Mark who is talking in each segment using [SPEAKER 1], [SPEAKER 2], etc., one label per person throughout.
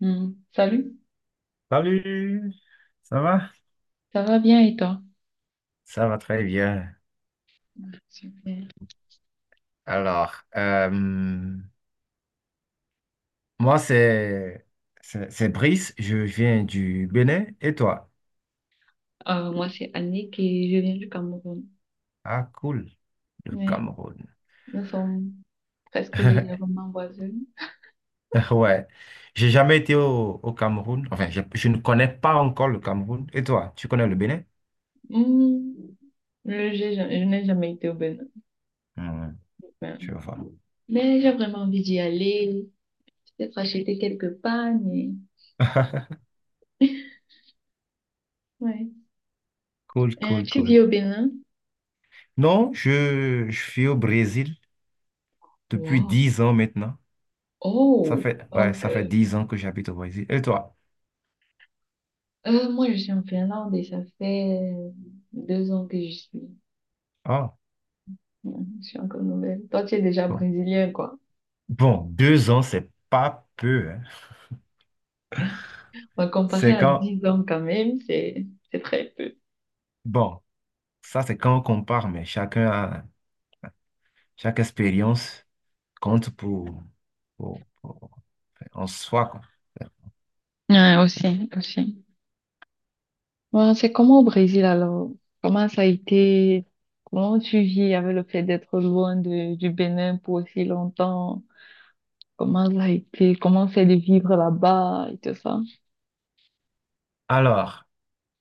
[SPEAKER 1] Hmm. Salut,
[SPEAKER 2] Salut, ça va?
[SPEAKER 1] ça va bien et toi?
[SPEAKER 2] Ça va très bien.
[SPEAKER 1] Super.
[SPEAKER 2] Alors, moi, c'est Brice, je viens du Bénin. Et toi?
[SPEAKER 1] Moi, c'est Annick et je viens du Cameroun.
[SPEAKER 2] Ah, cool, le
[SPEAKER 1] Ouais.
[SPEAKER 2] Cameroun.
[SPEAKER 1] Nous sommes presque légèrement voisins.
[SPEAKER 2] Ouais, j'ai jamais été au Cameroun. Enfin, je ne connais pas encore le Cameroun. Et toi, tu connais le Bénin?
[SPEAKER 1] Hmm. Je n'ai jamais été au Bénin,
[SPEAKER 2] Hmm,
[SPEAKER 1] mais,
[SPEAKER 2] je vois.
[SPEAKER 1] mais j'ai vraiment envie d'y aller, peut-être acheter quelques pagnes. Ouais.
[SPEAKER 2] Cool, cool,
[SPEAKER 1] Tu
[SPEAKER 2] cool.
[SPEAKER 1] vis au Bénin?
[SPEAKER 2] Non, je suis au Brésil depuis
[SPEAKER 1] Wow.
[SPEAKER 2] 10 ans maintenant. Ça
[SPEAKER 1] Oh,
[SPEAKER 2] fait, ouais,
[SPEAKER 1] donc,
[SPEAKER 2] ça fait
[SPEAKER 1] euh,
[SPEAKER 2] 10 ans que j'habite au Brésil. Et toi?
[SPEAKER 1] euh, moi, je suis en Finlande et ça fait 2 ans que je suis. Hmm. Je suis encore nouvelle. Toi, tu es déjà
[SPEAKER 2] Bon.
[SPEAKER 1] brésilienne, quoi.
[SPEAKER 2] Bon, 2 ans, c'est pas peu, hein.
[SPEAKER 1] Bah, comparé
[SPEAKER 2] C'est
[SPEAKER 1] à
[SPEAKER 2] quand,
[SPEAKER 1] 10 ans quand même, c'est très peu.
[SPEAKER 2] bon, ça c'est quand on compare, mais chaque expérience compte pour en soi, quoi.
[SPEAKER 1] Ouais, aussi, aussi. Ouais, c'est comment au Brésil alors? Comment ça a été? Comment tu vis avec le fait d'être loin du Bénin pour aussi longtemps? Comment ça a été? Comment c'est de vivre là-bas et tout ça?
[SPEAKER 2] Alors,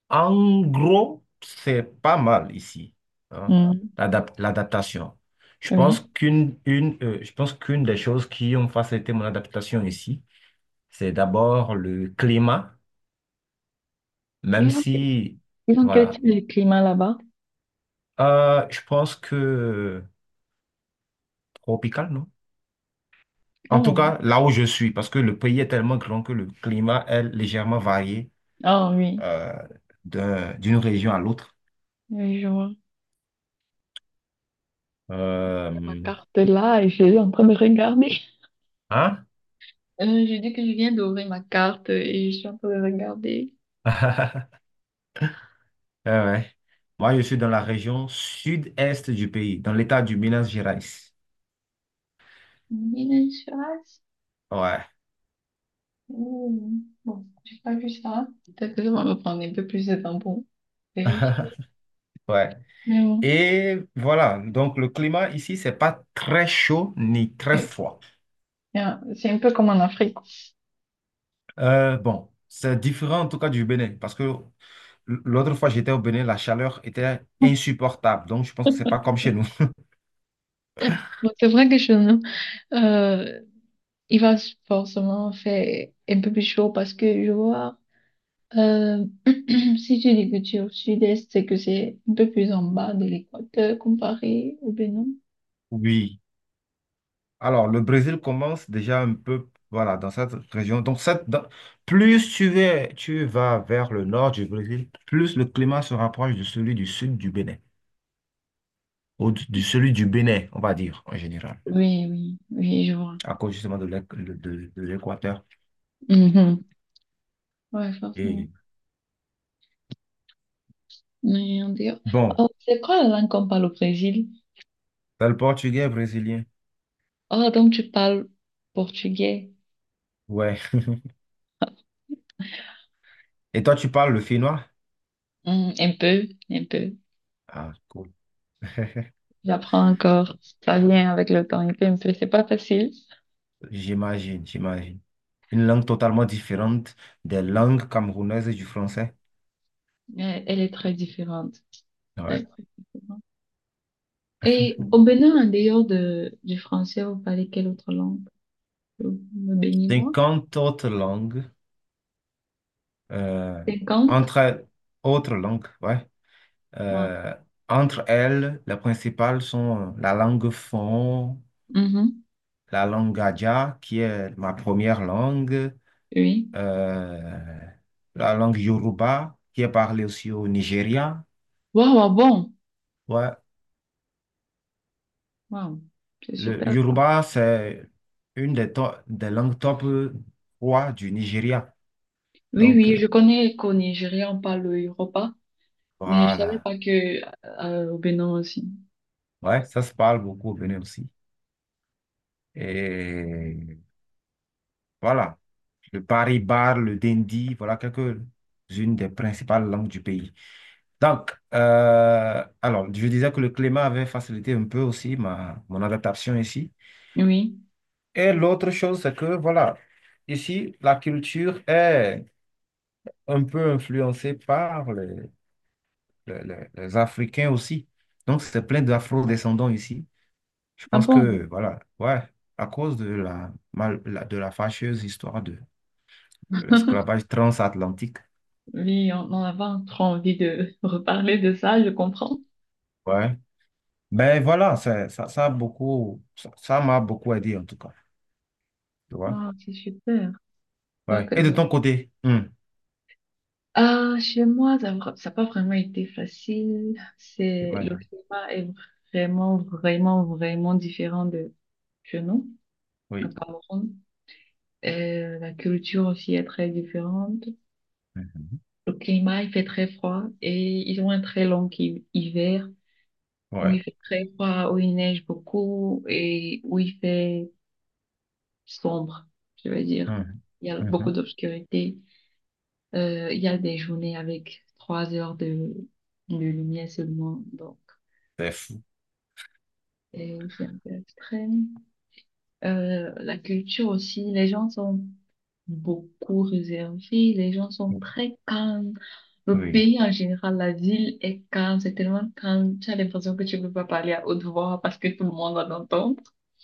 [SPEAKER 2] en gros, c'est pas mal ici, hein,
[SPEAKER 1] Mm.
[SPEAKER 2] l'adaptation. Je pense
[SPEAKER 1] Oui.
[SPEAKER 2] qu'une, une, euh, je pense qu'une des choses qui ont facilité mon adaptation ici, c'est d'abord le climat, même
[SPEAKER 1] Ils ont, que-
[SPEAKER 2] si,
[SPEAKER 1] Ils ont quel
[SPEAKER 2] voilà,
[SPEAKER 1] type de climat là-bas?
[SPEAKER 2] Je pense que tropical, non? En tout
[SPEAKER 1] Oh,
[SPEAKER 2] cas, là où je suis, parce que le pays est tellement grand que le climat est légèrement varié
[SPEAKER 1] ah oui.
[SPEAKER 2] euh, d'une région à l'autre.
[SPEAKER 1] Oui, je vois. Il y a ma
[SPEAKER 2] Euh,
[SPEAKER 1] carte là et je suis en train de regarder.
[SPEAKER 2] hein?
[SPEAKER 1] Je dis que je viens d'ouvrir ma carte et je suis en train de regarder.
[SPEAKER 2] Ouais, ouais. Moi, je suis dans la région sud-est du pays, dans l'état du Minas Gerais.
[SPEAKER 1] Mylène Farce?
[SPEAKER 2] Ouais.
[SPEAKER 1] Ouh. Bon, j'ai pas vu ça. Peut-être que je vais me prendre un peu plus de temps pour vérifier.
[SPEAKER 2] Ouais.
[SPEAKER 1] Mais bon,
[SPEAKER 2] Et voilà, donc le climat ici, c'est pas très chaud ni très
[SPEAKER 1] eh
[SPEAKER 2] froid.
[SPEAKER 1] bien, c'est un peu comme en Afrique.
[SPEAKER 2] Bon, c'est différent en tout cas du Bénin, parce que l'autre fois j'étais au Bénin, la chaleur était insupportable. Donc, je pense que c'est pas comme chez nous.
[SPEAKER 1] Bon, c'est vrai que chez nous, euh, il va forcément faire un peu plus chaud parce que je vois, euh, si tu dis que tu es au sud-est, c'est que c'est un peu plus en bas de l'équateur comparé au Bénin.
[SPEAKER 2] Oui. Alors, le Brésil commence déjà un peu, voilà, dans cette région. Donc, plus tu vas vers le nord du Brésil, plus le climat se rapproche de celui du sud du Bénin, ou de celui du Bénin, on va dire, en général,
[SPEAKER 1] Oui, oui, oui, je vois.
[SPEAKER 2] à cause justement de l'équateur.
[SPEAKER 1] Mhm. Ouais, forcément.
[SPEAKER 2] Et
[SPEAKER 1] Oui, on dit-
[SPEAKER 2] bon,
[SPEAKER 1] Oh, c'est quoi la langue qu'on parle au Brésil?
[SPEAKER 2] t'as le portugais brésilien.
[SPEAKER 1] Oh, donc tu parles portugais?
[SPEAKER 2] Ouais. Et toi, tu parles le finnois?
[SPEAKER 1] Hmm, un peu, un peu.
[SPEAKER 2] Ah, cool.
[SPEAKER 1] J'apprends encore. Ça vient avec le temps, un peu, un peu. C'est pas facile,
[SPEAKER 2] J'imagine, j'imagine. Une langue totalement différente des langues camerounaises et du français.
[SPEAKER 1] mais elle est très différente. Très,
[SPEAKER 2] Ouais.
[SPEAKER 1] très différente. Et au Bénin, en dehors du français, vous parlez quelle autre langue? Le le béninois?
[SPEAKER 2] 50 autres langues. euh,
[SPEAKER 1] 50.
[SPEAKER 2] entre autres langues, ouais.
[SPEAKER 1] Ouais.
[SPEAKER 2] Euh, entre elles, les principales sont la langue fon,
[SPEAKER 1] Mhm.
[SPEAKER 2] la langue Gadja, qui est ma première langue,
[SPEAKER 1] Oui.
[SPEAKER 2] euh, la langue Yoruba, qui est parlée aussi au Nigeria.
[SPEAKER 1] Waouh, waouh, bon.
[SPEAKER 2] Ouais.
[SPEAKER 1] Waouh, c'est
[SPEAKER 2] Le
[SPEAKER 1] super ça.
[SPEAKER 2] Yoruba, c'est des langues top 3 du Nigeria.
[SPEAKER 1] Oui,
[SPEAKER 2] Donc,
[SPEAKER 1] oui, je connais qu'au Nigeria, on parle le Yoruba. Mais je savais
[SPEAKER 2] voilà.
[SPEAKER 1] pas que au Bénin aussi.
[SPEAKER 2] Ouais, ça se parle beaucoup au Bénin aussi. Et voilà. Le Paris Bar, le Dindi, voilà quelques-unes des principales langues du pays. Donc, alors, je disais que le climat avait facilité un peu aussi mon adaptation ici.
[SPEAKER 1] Oui.
[SPEAKER 2] Et l'autre chose, c'est que, voilà, ici, la culture est un peu influencée par les Africains aussi. Donc, c'est plein d'afro-descendants ici. Je
[SPEAKER 1] Ah
[SPEAKER 2] pense
[SPEAKER 1] bon?
[SPEAKER 2] que, voilà, ouais, à cause de la fâcheuse histoire de l'esclavage transatlantique,
[SPEAKER 1] Oui, on avait encore envie de reparler de ça, je comprends.
[SPEAKER 2] ouais. Ben voilà, ça m'a beaucoup aidé en tout cas, tu vois.
[SPEAKER 1] Ah, c'est super.
[SPEAKER 2] Ouais.
[SPEAKER 1] Donc, euh,
[SPEAKER 2] Et de ton côté,
[SPEAKER 1] ah, chez moi, ça n'a pas vraiment été facile. C'est, le
[SPEAKER 2] j'imagine.
[SPEAKER 1] climat est vraiment, vraiment, vraiment différent de chez nous, au
[SPEAKER 2] Oui.
[SPEAKER 1] Cameroun. La culture aussi est très différente.
[SPEAKER 2] Mhm.
[SPEAKER 1] Le climat, il fait très froid et ils ont un très long hiver, où il
[SPEAKER 2] Ouais.
[SPEAKER 1] fait très froid, où il neige beaucoup et où il fait sombre, je veux dire.
[SPEAKER 2] Mhm.
[SPEAKER 1] Il y a beaucoup
[SPEAKER 2] Mhm.
[SPEAKER 1] d'obscurité. Il y a des journées avec 3 heures de lumière seulement, donc
[SPEAKER 2] C'est fou.
[SPEAKER 1] et c'est un peu extrême. La culture aussi, les gens sont beaucoup réservés, les gens sont très calmes. Le
[SPEAKER 2] Oui.
[SPEAKER 1] pays en général, la ville est calme, c'est tellement calme, tu as l'impression que tu ne peux pas parler à haute voix parce que tout le monde va t'entendre,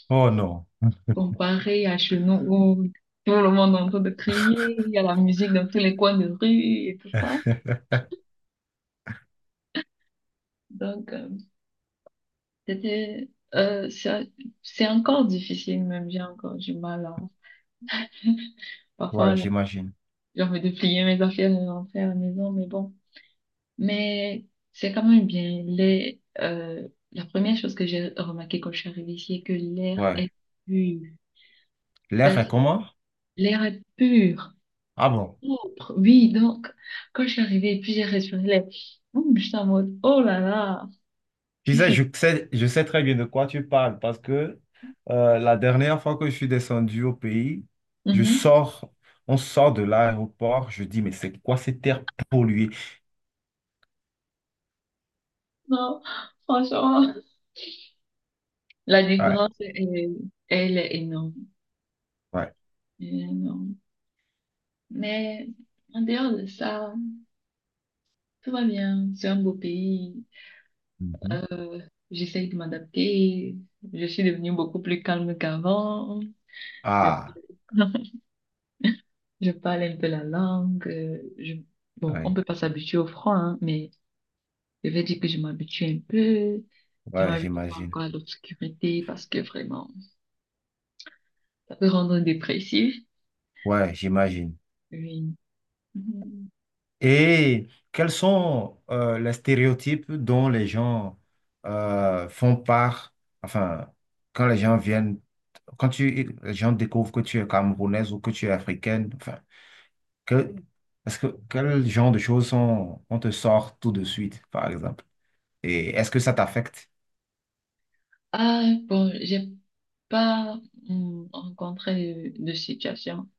[SPEAKER 2] Oh non.
[SPEAKER 1] comparé à chez nous où tout le monde est en train de crier, il y a la musique dans tous les coins de rue et tout ça. Donc, euh, c'était, euh, c'est c'est encore difficile, même j'ai encore du mal à,
[SPEAKER 2] Ouais,
[SPEAKER 1] parfois,
[SPEAKER 2] j'imagine.
[SPEAKER 1] j'ai envie de plier mes affaires et de rentrer à la maison, mais bon. Mais c'est quand même bien. La première chose que j'ai remarqué quand je suis arrivée ici est que l'air
[SPEAKER 2] Ouais.
[SPEAKER 1] est pur.
[SPEAKER 2] L'air est
[SPEAKER 1] C'est-à-dire,
[SPEAKER 2] comment?
[SPEAKER 1] l'air est pur,
[SPEAKER 2] Ah bon.
[SPEAKER 1] propre. Oui, donc, quand je suis arrivée, puis j'ai respiré, l'air, j'étais en mode, oh là là,
[SPEAKER 2] Tu
[SPEAKER 1] si,
[SPEAKER 2] sais,
[SPEAKER 1] si.
[SPEAKER 2] je sais très bien de quoi tu parles parce que la dernière fois que je suis descendu au pays, je
[SPEAKER 1] Mhm.
[SPEAKER 2] sors, on sort de l'aéroport, je dis, mais c'est quoi cette terre polluée?
[SPEAKER 1] Non, franchement, la
[SPEAKER 2] Ouais,
[SPEAKER 1] différence, est- elle est énorme.
[SPEAKER 2] ouais.
[SPEAKER 1] Elle est énorme. Mais en dehors de ça, tout va bien, c'est un beau pays,
[SPEAKER 2] Mhm.
[SPEAKER 1] euh, j'essaye de m'adapter, je suis devenue beaucoup plus calme qu'avant, je,
[SPEAKER 2] Ah.
[SPEAKER 1] je parle un peu la langue, bon, on
[SPEAKER 2] Ouais,
[SPEAKER 1] peut pas s'habituer au froid, hein, mais je vais dire que je m'habitue un peu. Je
[SPEAKER 2] ouais,
[SPEAKER 1] m'habitue pas
[SPEAKER 2] j'imagine.
[SPEAKER 1] encore à l'obscurité parce que vraiment, ça peut rendre dépressif.
[SPEAKER 2] Ouais, j'imagine.
[SPEAKER 1] Oui. Mhm.
[SPEAKER 2] Et quels sont les stéréotypes dont les gens font part, enfin, quand les gens viennent, les gens découvrent que tu es camerounaise ou que tu es africaine, enfin, que, est-ce que, quel genre de choses sont, on te sort tout de suite, par exemple? Et est-ce que ça t'affecte?
[SPEAKER 1] Ah, bon, j'ai pas rencontré de situation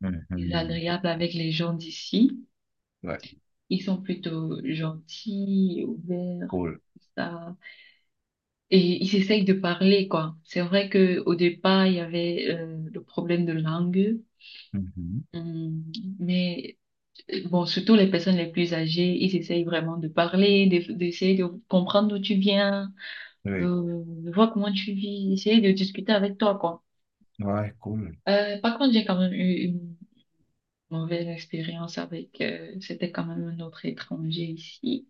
[SPEAKER 2] Mhm.
[SPEAKER 1] désagréable avec les gens d'ici.
[SPEAKER 2] Ouais,
[SPEAKER 1] Ils sont plutôt gentils, ouverts,
[SPEAKER 2] cool.
[SPEAKER 1] tout ça. Et ils essayent de parler, quoi. C'est vrai que au départ, il y avait le problème de langue.
[SPEAKER 2] Mhm.
[SPEAKER 1] Hum, Mais Bon, surtout les personnes les plus âgées, ils essayent vraiment de parler, d'essayer de comprendre d'où tu viens, de,
[SPEAKER 2] Oui,
[SPEAKER 1] de voir comment tu vis, essayer de discuter avec toi, quoi.
[SPEAKER 2] ouais, cool.
[SPEAKER 1] Par contre, j'ai quand même eu une mauvaise expérience avec, c'était quand même un autre étranger ici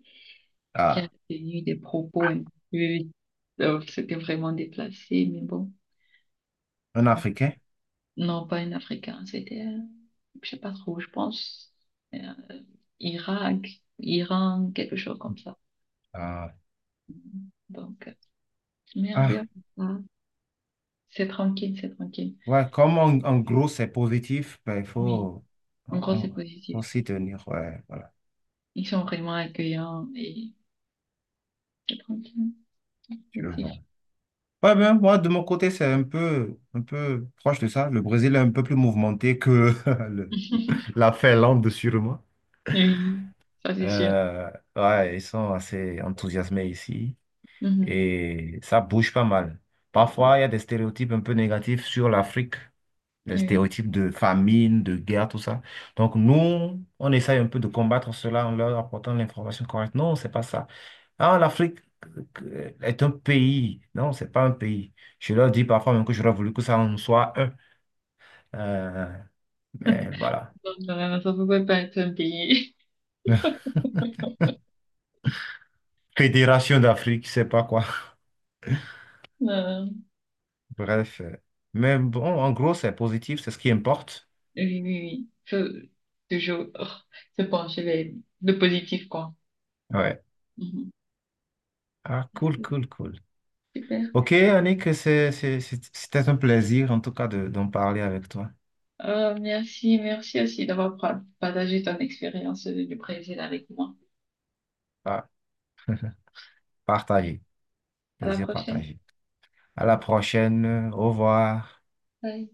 [SPEAKER 1] qui a
[SPEAKER 2] Ah,
[SPEAKER 1] tenu des propos un peu, c'était vraiment déplacé, mais bon,
[SPEAKER 2] un Africain?
[SPEAKER 1] non, pas un Africain, c'était, je sais pas trop, je pense, euh, Irak, Iran, quelque chose comme ça. Donc, euh, Mais en
[SPEAKER 2] Ah.
[SPEAKER 1] dehors de ça, c'est tranquille, c'est tranquille.
[SPEAKER 2] Ouais, comme en gros c'est positif, ben, il
[SPEAKER 1] Oui,
[SPEAKER 2] faut, on-
[SPEAKER 1] en gros,
[SPEAKER 2] on-
[SPEAKER 1] c'est
[SPEAKER 2] faut
[SPEAKER 1] positif.
[SPEAKER 2] s'y tenir. Ouais, voilà,
[SPEAKER 1] Ils sont vraiment accueillants et c'est tranquille, c'est
[SPEAKER 2] tu le
[SPEAKER 1] positif.
[SPEAKER 2] vends. Ouais, ben, moi, de mon côté, c'est un peu proche de ça. Le Brésil est un peu plus mouvementé que le- la Finlande, sûrement.
[SPEAKER 1] Oui, ça c'est sûr.
[SPEAKER 2] Euh, ouais, ils sont assez enthousiasmés ici
[SPEAKER 1] Mhm.
[SPEAKER 2] et ça bouge pas mal. Parfois, il y a des stéréotypes un peu négatifs sur l'Afrique: les
[SPEAKER 1] Oui,
[SPEAKER 2] stéréotypes de famine, de guerre, tout ça. Donc nous, on essaye un peu de combattre cela en leur apportant l'information correcte. Non, c'est pas ça. Ah, l'Afrique est un pays. Non, c'est pas un pays. Je leur dis parfois même que j'aurais voulu que ça en soit un. Euh, mais voilà.
[SPEAKER 1] donc voilà, ça ne pouvait pas être un pays.
[SPEAKER 2] Fédération d'Afrique, je sais pas quoi.
[SPEAKER 1] Non, non.
[SPEAKER 2] Bref. Mais bon, en gros, c'est positif, c'est ce qui importe.
[SPEAKER 1] Oui, oui, oui. Faut toujours oh, se pencher vers le positif, quoi.
[SPEAKER 2] Ouais.
[SPEAKER 1] Mhm.
[SPEAKER 2] Ah, cool, cool, cool.
[SPEAKER 1] Super.
[SPEAKER 2] Ok, Annick, c'était un plaisir en tout cas d'en parler avec toi.
[SPEAKER 1] Merci, merci aussi partagé ton expérience du Brésil avec moi.
[SPEAKER 2] Ah, partagé.
[SPEAKER 1] À la
[SPEAKER 2] Plaisir
[SPEAKER 1] prochaine.
[SPEAKER 2] partagé. À la prochaine. Au revoir.
[SPEAKER 1] Bye.